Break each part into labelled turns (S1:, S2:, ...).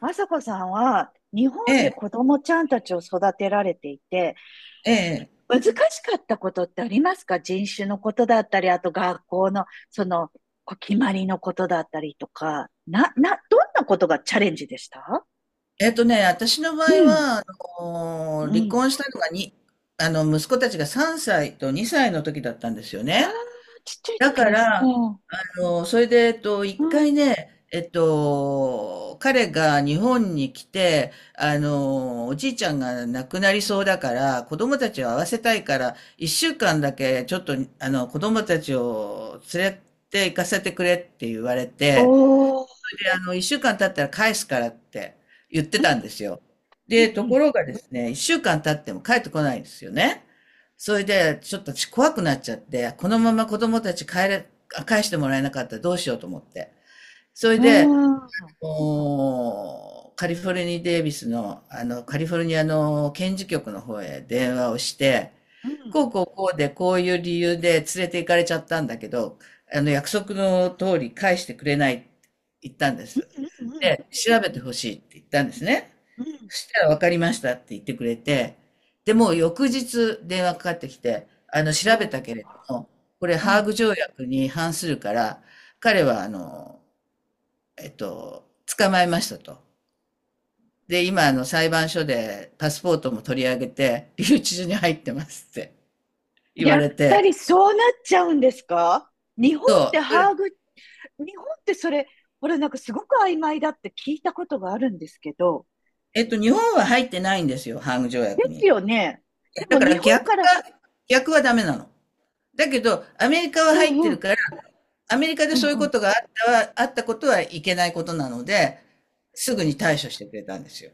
S1: あさこさんは日
S2: え
S1: 本で
S2: え、
S1: 子供ちゃんたちを育てられていて、
S2: ええ。
S1: 難しかったことってありますか？人種のことだったり、あと学校のそのこう決まりのことだったりとか、どんなことがチャレンジでした？
S2: 私の場
S1: う
S2: 合
S1: ん、
S2: は、
S1: う
S2: 離
S1: ん。
S2: 婚したのがに、あの、息子たちが3歳と2歳の時だったんですよ
S1: ああ、
S2: ね。
S1: ちっちゃい
S2: だ
S1: 時
S2: か
S1: ですね。
S2: ら、あの、それで、えっと、一
S1: うん。
S2: 回ね、彼が日本に来て、おじいちゃんが亡くなりそうだから、子供たちを会わせたいから、一週間だけ、ちょっと、あの、子供たちを連れて行かせてくれって言われて、
S1: おー、
S2: で、あの、一週間経ったら返すからって言って
S1: う
S2: たんで
S1: ん、
S2: すよ。
S1: う
S2: で、とこ
S1: ん、
S2: ろがですね、一週間経っても帰ってこないんですよね。それで、ちょっと私怖くなっちゃって、このまま子供たち帰れ、返してもらえなかったらどうしようと思って。それ
S1: う
S2: で、
S1: ん。うーん、うん、
S2: もう、カリフォルニー・デイビスの、あの、カリフォルニアの検事局の方へ電話をして、
S1: うん、
S2: こうこうこうでこういう理由で連れて行かれちゃったんだけど、約束の通り返してくれないって言ったんです。
S1: うん、うん。
S2: で、調べてほしいって言ったんですね。
S1: うん。
S2: そしたら分かりましたって言ってくれて、で、もう翌日電話かかってきて、調べた
S1: お
S2: けれ
S1: ー、
S2: ども、これ
S1: う
S2: ハー
S1: ん。
S2: グ条約に反するから、彼はえっと、捕まえましたと。で、今、裁判所でパスポートも取り上げて、留置所に入ってますって言
S1: や
S2: わ
S1: っ
S2: れ
S1: ぱ
S2: て、
S1: りそうなっちゃうんですか？日本っ
S2: そ
S1: て
S2: う、そ
S1: ハーグ、
S2: れ
S1: 日本ってそれ、これなんかすごく曖昧だって聞いたことがあるんですけど。
S2: えっと、日本は入ってないんですよ、ハーグ条
S1: で
S2: 約
S1: す
S2: に。
S1: よね。で
S2: だ
S1: も
S2: か
S1: 日
S2: ら
S1: 本
S2: 逆が、
S1: から、
S2: 逆はダメなの。だけど、アメリカは
S1: う
S2: 入
S1: ん
S2: って
S1: う
S2: る
S1: ん、
S2: から、アメリカで
S1: う
S2: そういう
S1: ん
S2: こ
S1: う
S2: とがあったは、あったことはいけないことなので、すぐに対処してくれたんですよ。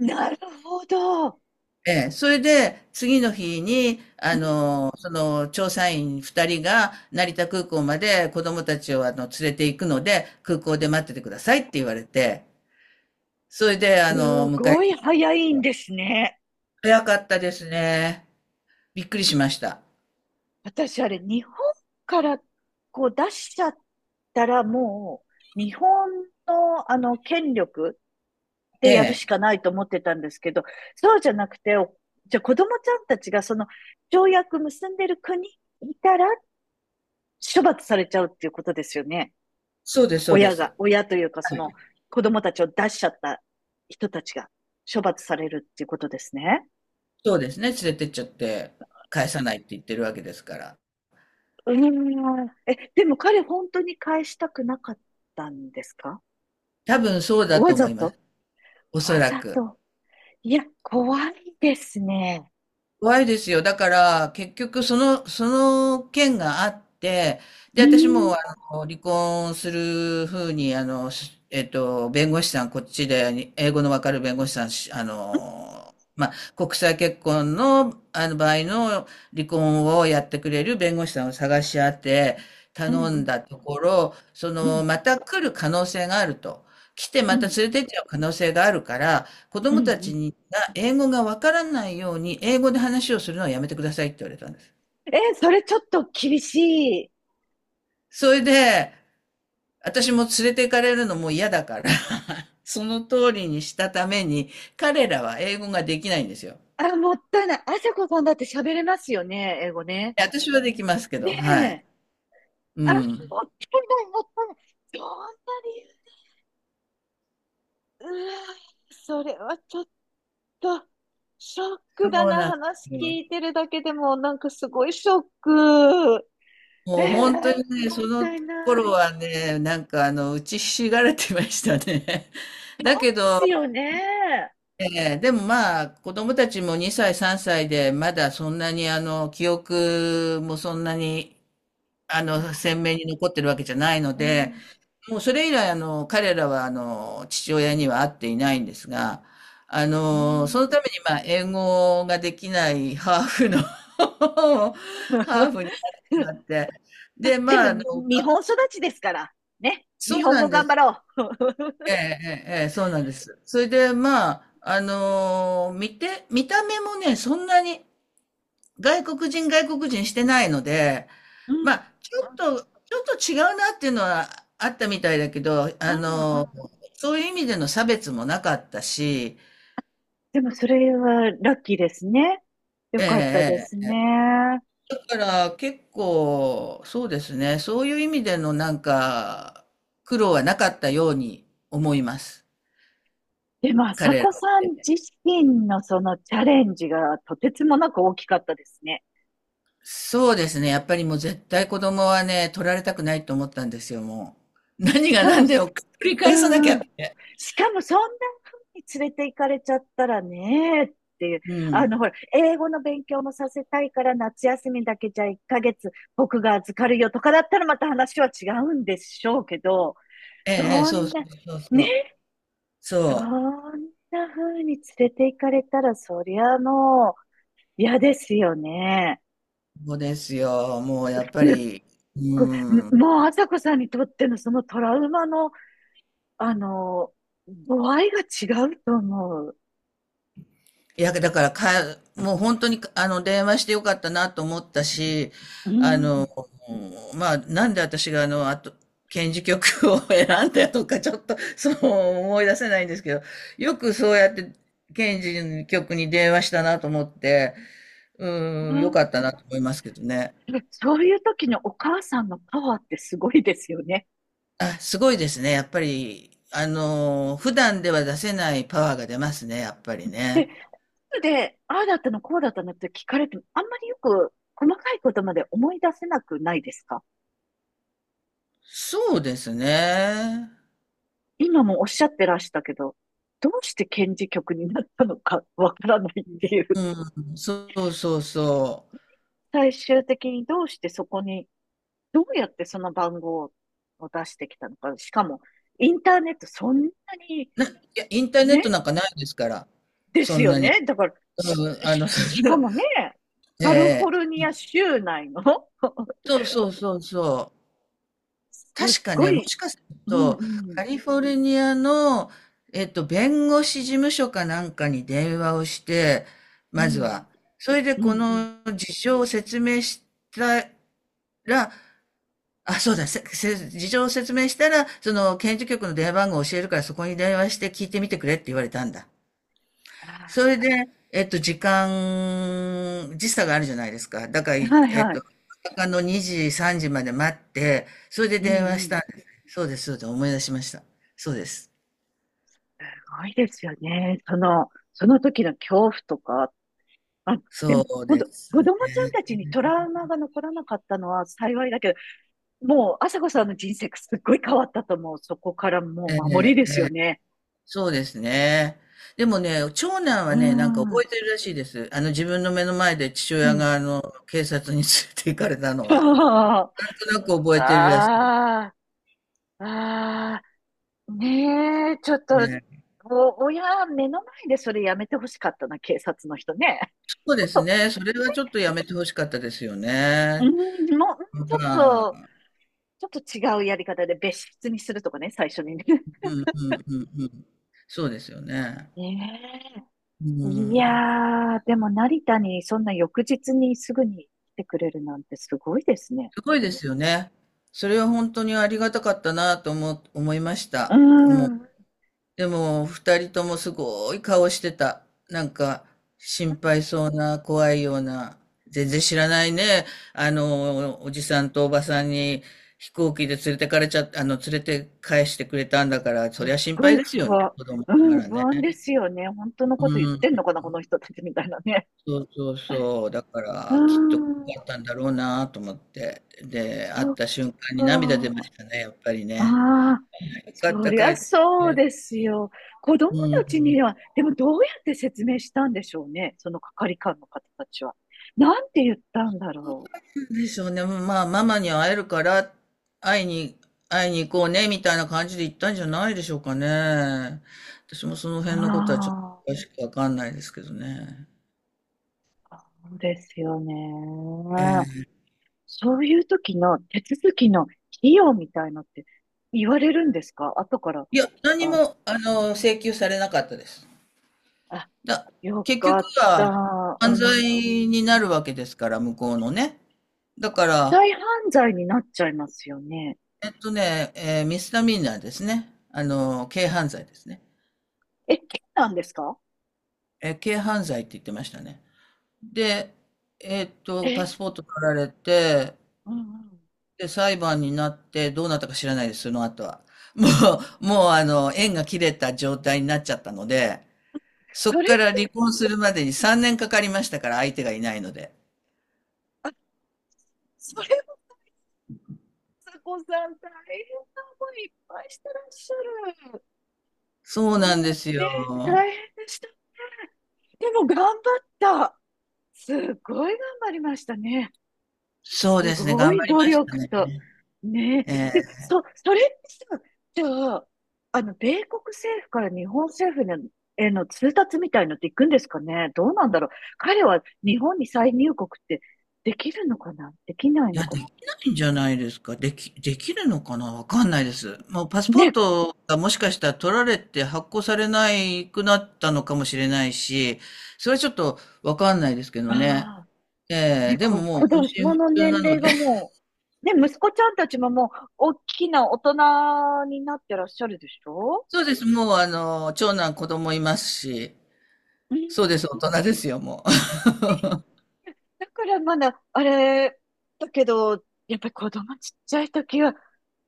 S1: ん。なるほど。
S2: ええ、それで、次の日に、調査員2人が成田空港まで子供たちを、連れて行くので、空港で待っててくださいって言われて、それで、あの、
S1: す
S2: 迎え
S1: ごい
S2: に、
S1: 早いんですね。
S2: 早かったですね。びっくりしました。
S1: 私あれ、日本からこう出しちゃったらもう、日本のあの権力
S2: え
S1: でやる
S2: え、
S1: しかないと思ってたんですけど、そうじゃなくて、お、じゃあ子供ちゃんたちがその条約結んでる国いたら、処罰されちゃうっていうことですよね。
S2: そうです、そうで
S1: 親
S2: す。
S1: が、親というかその子供たちを出しちゃった人たちが処罰されるっていうことですね。
S2: そうですね、連れてっちゃって、返さないって言ってるわけですから。
S1: うーん。え、でも彼本当に返したくなかったんですか？
S2: 多分そうだ
S1: わ
S2: と思
S1: ざ
S2: いま
S1: と？
S2: す。おそ
S1: わ
S2: ら
S1: ざ
S2: く。
S1: と。いや、怖いですね。
S2: 怖いですよ。だから、結局、その件があって、
S1: う
S2: で、私
S1: ー
S2: も、
S1: ん。
S2: 離婚するふうに、あの、しえっと、弁護士さん、こっちで、に英語のわかる弁護士さん、しあの、まあ、国際結婚の、場合の離婚をやってくれる弁護士さんを探し当て、
S1: うん
S2: 頼
S1: う
S2: ん
S1: ん
S2: だところ、そ
S1: う
S2: の、
S1: ん
S2: また来る可能性があると。来て
S1: う
S2: また
S1: ん
S2: 連れてっちゃう可能性があるから、子
S1: うん
S2: 供た
S1: う
S2: ち
S1: ん。
S2: に英語がわからないように、英語で話をするのはやめてくださいって言われたんです。
S1: え、それちょっと厳しい。
S2: それで、私も連れて行かれるのも嫌だから その通りにしたために、彼らは英語ができないんですよ。
S1: あ、もったいない。あさこさんだって喋れますよね、英語ね。
S2: 私はできますけ
S1: ね
S2: ど、はい。
S1: え。
S2: う
S1: あ、もったい
S2: ん。
S1: ない、もったいない。そんなに、うわ、それはちょっと、ショッ
S2: そ
S1: クだ
S2: う
S1: な、
S2: なんで
S1: 話
S2: すね。
S1: 聞いてるだけでも、なんかすごいショック。え
S2: もう
S1: え、
S2: 本当にね、
S1: も
S2: そ
S1: っ
S2: の
S1: たいない。
S2: 頃
S1: で
S2: はね、打ちひしがれてましたね。だけど、
S1: すよね。
S2: ええ、でもまあ、子供たちも2歳、3歳で、まだそんなに、記憶もそんなに、
S1: あ、
S2: 鮮明に残ってるわけじゃないの
S1: う
S2: で、
S1: ん、
S2: もうそれ以来、彼らは、父親には会っていないんですが、
S1: う
S2: その
S1: ん。
S2: ために、まあ、英語ができないハーフを 始まって、
S1: まあ、
S2: で、
S1: でも
S2: まあ、あの、
S1: に、日本育ちですから、ね。
S2: そ
S1: 日
S2: う
S1: 本
S2: な
S1: 語
S2: んで
S1: 頑張
S2: す。
S1: ろ
S2: ええ、ええ、ええそうなんです。それで、見た目もね、そんなに、外国人外国人してないので、
S1: う。うん、
S2: まあ、
S1: うん、
S2: ちょっと違うなっていうのはあったみたいだけど、
S1: うん。うん。
S2: そういう意味での差別もなかったし、
S1: でも、それはラッキーですね。よかったです
S2: ええ
S1: ね。
S2: だから結構、そうですね、そういう意味でのなんか、苦労はなかったように思います。
S1: でも、朝子さん自身のそのチャレンジがとてつもなく大きかったですね。
S2: そうですね、やっぱりもう絶対子供はね、取られたくないと思ったんですよ、もう。何
S1: し
S2: が
S1: かも
S2: 何でも
S1: す、
S2: 繰り
S1: う
S2: 返さなき
S1: ん
S2: ゃ
S1: う
S2: っ
S1: ん。
S2: て。
S1: しかも、そんなに連れて行かれちゃったらね、っていう。
S2: うん。
S1: ほら、英語の勉強もさせたいから、夏休みだけじゃ1ヶ月僕が預かるよとかだったらまた話は違うんでしょうけど、
S2: ええ、ええ
S1: そ
S2: そう
S1: ん
S2: そ
S1: な、
S2: うそうそう。
S1: ね、そん
S2: そ
S1: な風に連れて行かれたら、そりゃもう嫌ですよね。
S2: う。そうですよ。もうやっぱり、う
S1: こ
S2: ん。
S1: れもう、あさこさんにとってのそのトラウマの、あの、度合いが違うと思う。
S2: いや、だからか、もう本当に、電話してよかったなと思ったし、
S1: う
S2: あ
S1: ん。う
S2: の、
S1: ん。
S2: なんで私があの、あと、検事局を 選んだとか、ちょっと思い出せないんですけど、よくそうやって、検事局に電話したなと思って、うん、よかったなと思いますけどね。
S1: で、そういう時のお母さんのパワーってすごいですよね。
S2: あ、すごいですね。やっぱり、普段では出せないパワーが出ますね、やっぱり
S1: で、
S2: ね。
S1: で、ああだったの、こうだったのって聞かれても、あんまりよく細かいことまで思い出せなくないですか？
S2: そうですね。
S1: 今もおっしゃってらしたけど、どうして検事局になったのかわからないっていう。
S2: うん、そうそうそ
S1: 最終的にどうしてそこに、どうやってその番号を出してきたのか。しかも、インターネットそんなに、
S2: う。いや、インターネット
S1: ね、
S2: なんかないですから、
S1: で
S2: そ
S1: す
S2: ん
S1: よ
S2: なに。
S1: ね。だから、
S2: うん。
S1: しかもね、カリフォ
S2: え
S1: ル
S2: え
S1: ニア州内の
S2: そうそうそうそう。
S1: すっ
S2: 確か
S1: ご
S2: ね、も
S1: い、
S2: しかする
S1: うん
S2: と、
S1: うん、
S2: カリフォルニアの、弁護士事務所かなんかに電話をして、
S1: う
S2: まず
S1: ん、
S2: は。それで
S1: うん、
S2: こ
S1: うん。
S2: の事情を説明したら、あ、そうだ、事情を説明したら、その、検事局の電話番号を教えるから、そこに電話して聞いてみてくれって言われたんだ。それで、時差があるじゃないですか。だから、い
S1: はい
S2: えっ
S1: は
S2: と、
S1: い。
S2: 夜中の2時、3時まで待って、それで
S1: う
S2: 電話
S1: んう
S2: し
S1: ん。
S2: たんです。そうです、そうです、思い出しました。そうです。
S1: すごいですよね。その、その時の恐怖とか。あ、で
S2: そ
S1: も、
S2: う
S1: 本
S2: で
S1: 当
S2: す
S1: 子
S2: ね。
S1: 供ちゃんたちにトラウマが残らなかったのは幸いだけど、もう、朝子さんの人生すっごい変わったと思う。そこからもう
S2: え
S1: 守りで
S2: え、
S1: すよね。
S2: そうですね。でもね、長男
S1: うー
S2: はね、なんか覚え
S1: ん。
S2: てるらしいです。自分の目の前で父
S1: う
S2: 親
S1: ん。
S2: が、警察に連れて行かれたの は。
S1: ああ、
S2: なんとなく覚えてるらしい。
S1: ああ、ねえ、ちょっと、
S2: ね。
S1: お、親、目の前でそれやめてほしかったな、警察の人ね。ち
S2: そうで
S1: ょっ
S2: す
S1: と、
S2: ね。それはちょっとやめて欲しかったですよ
S1: うん、
S2: ね。
S1: もう、うんちょっ
S2: ま
S1: と、
S2: あ、
S1: ちょっと違うやり方で別室にするとかね、最初にね。
S2: うんうんうんうん。そうですよね。
S1: ね
S2: う
S1: え。い
S2: ん。
S1: やー、でも成田にそんな翌日にすぐに来てくれるなんてすごいですね。
S2: すごいですよね。それは本当にありがたかったなと思いまし
S1: う
S2: た。
S1: ん。うん。
S2: でも、二人ともすごい顔してた。なんか、心配そうな、怖いような、全然知らないね。おじさんとおばさんに飛行機で連れてかれちゃっあの、連れて返してくれたんだから、そ
S1: すっ
S2: りゃ心
S1: ご
S2: 配
S1: い
S2: ですよ
S1: 不
S2: ね、
S1: 安。
S2: 子供
S1: う
S2: なが
S1: ん、
S2: ら
S1: 不
S2: ね。
S1: 安ですよね。本当の
S2: う
S1: こと言ってん
S2: ん、
S1: のかな、この人たちみたいなね。
S2: そうそうそう。だか
S1: う
S2: ら、きっと
S1: ん、
S2: 怖かったんだろうなと思って。で、会
S1: そ
S2: っ
S1: っ
S2: た瞬間に涙出ま
S1: か。
S2: したね、やっぱりね。
S1: ああ、
S2: よかっ
S1: そ
S2: た、
S1: り
S2: 帰
S1: ゃ
S2: ってき
S1: そう
S2: て。
S1: ですよ。子供
S2: う
S1: たちには、
S2: ん。
S1: でもどうやって説明したんでしょうね。その係官の方たちは。なんて言ったんだろ
S2: でしょうね。まあ、ママに会えるから、会いに、会いに行こうね、みたいな感じで行ったんじゃないでしょうかね。私もその
S1: う。
S2: 辺のことはちょっ
S1: あ
S2: と詳しくわかんないですけどね。
S1: あ、そうですよね。
S2: ええ
S1: そういう時の手続きの費用みたいのって言われるんですか？後から。
S2: いや、何
S1: あ、
S2: も、あの、請求されなかったです。
S1: あ、
S2: だ、
S1: よ
S2: 結
S1: か
S2: 局
S1: っ
S2: は、
S1: た。う
S2: 犯罪
S1: ん。
S2: になるわけですから、向こうのね。だか
S1: 再
S2: ら、
S1: 犯罪になっちゃいますよね。
S2: えっとね、えーミスタミナーですね。軽犯罪ですね。
S1: え、刑なんですか？
S2: 軽犯罪って言ってましたね。で、
S1: え、
S2: パスポート取られて、
S1: うんうん。
S2: で、裁判になってどうなったか知らないです、その後は。ももう縁が切れた状態になっちゃったので、そ
S1: そ
S2: こ
S1: れ
S2: か
S1: っ
S2: ら離
S1: て、
S2: 婚するまでに3年かかりましたから、相手がいないので。
S1: それも、つこさん大変な思いいっぱいしてらっしゃる。
S2: そう
S1: うん。
S2: なんです
S1: ね、
S2: よ。
S1: 大変でした。でも頑張った。すごい頑張りましたね。
S2: そう
S1: す
S2: ですね、
S1: ご
S2: 頑張
S1: い
S2: り
S1: 努
S2: ました
S1: 力
S2: ね。
S1: と、ね
S2: え
S1: え。で、
S2: え
S1: それってさ、じゃあ、あの、米国政府から日本政府への通達みたいのっていくんですかね？どうなんだろう。彼は日本に再入国ってできるのかな、できない
S2: い
S1: の
S2: や、
S1: か
S2: でき
S1: な？
S2: ないんじゃないですか。できるのかなわかんないです。もうパスポー
S1: ね、
S2: トがもしかしたら取られて発行されないくなったのかもしれないし、それはちょっとわかんないですけどね。
S1: ああ、
S2: ええ
S1: ね、
S2: でももう
S1: 子
S2: 音
S1: 供
S2: 信不
S1: の
S2: 通
S1: 年
S2: なの
S1: 齢
S2: で。
S1: が もう、ね、息子ちゃんたちももう、大きな大人になってらっしゃるでしょ？
S2: そうです。もう長男子供いますし、
S1: う
S2: そうで
S1: ん。
S2: す。大人ですよ、もう。
S1: だからまだ、あれ、だけど、やっぱり子供ちっちゃい時は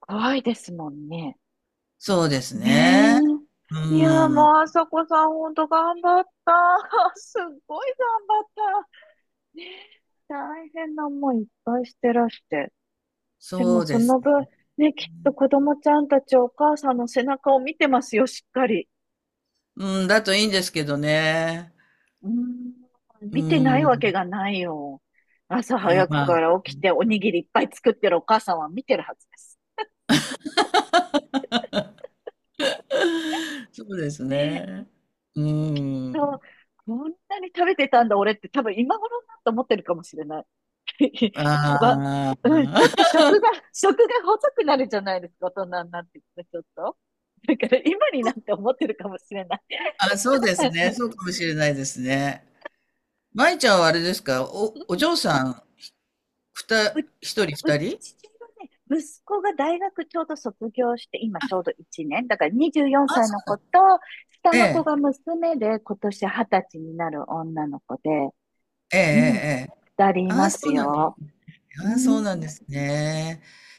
S1: 怖いですもんね。
S2: そうです
S1: ねえ。
S2: ね。う
S1: いや、もう、
S2: ん。
S1: あさこさん、ほんと頑張った。すっごい頑張った。ねえ、大変な思いいっぱいしてらして。でも、
S2: そう
S1: そ
S2: で
S1: の
S2: す。
S1: 分、ね、きっと子供ちゃんたちお母さんの背中を見てますよ、しっかり。
S2: うん、だといいんですけどね。
S1: うーん、
S2: う
S1: 見てないわけ
S2: ん。
S1: がないよ。朝
S2: うん
S1: 早く
S2: まあ、
S1: から起きておにぎりいっぱい作ってるお母さんは見てるはずです。
S2: そうです
S1: ねえ、
S2: ね。う
S1: きっ
S2: ー
S1: と、
S2: ん。
S1: こんなに食べてたんだ、俺って、多分今頃になって思ってるかもしれない。わ、
S2: ああ。
S1: うん、ちょっと食が、食が細くなるじゃないですか、大人になってきて、ちょっと。だから今になって思ってるかもしれない。
S2: あ、そうですね。そうかもしれないですね。舞ちゃんはあれですか、
S1: う
S2: お
S1: ん。
S2: 嬢さん、
S1: う、う
S2: 一人二人？
S1: ちはね、息子が大学ちょうど卒業して、今ちょうど1年。だから24歳の子と、下
S2: え
S1: の子
S2: え。
S1: が娘で、今年20歳になる女の子で、
S2: えええ
S1: うん、
S2: えええ。
S1: 二人い
S2: あ
S1: ま
S2: あ、そ
S1: す
S2: うなんです
S1: よ。
S2: ね。
S1: う
S2: ああ、そう
S1: ん
S2: なんですね。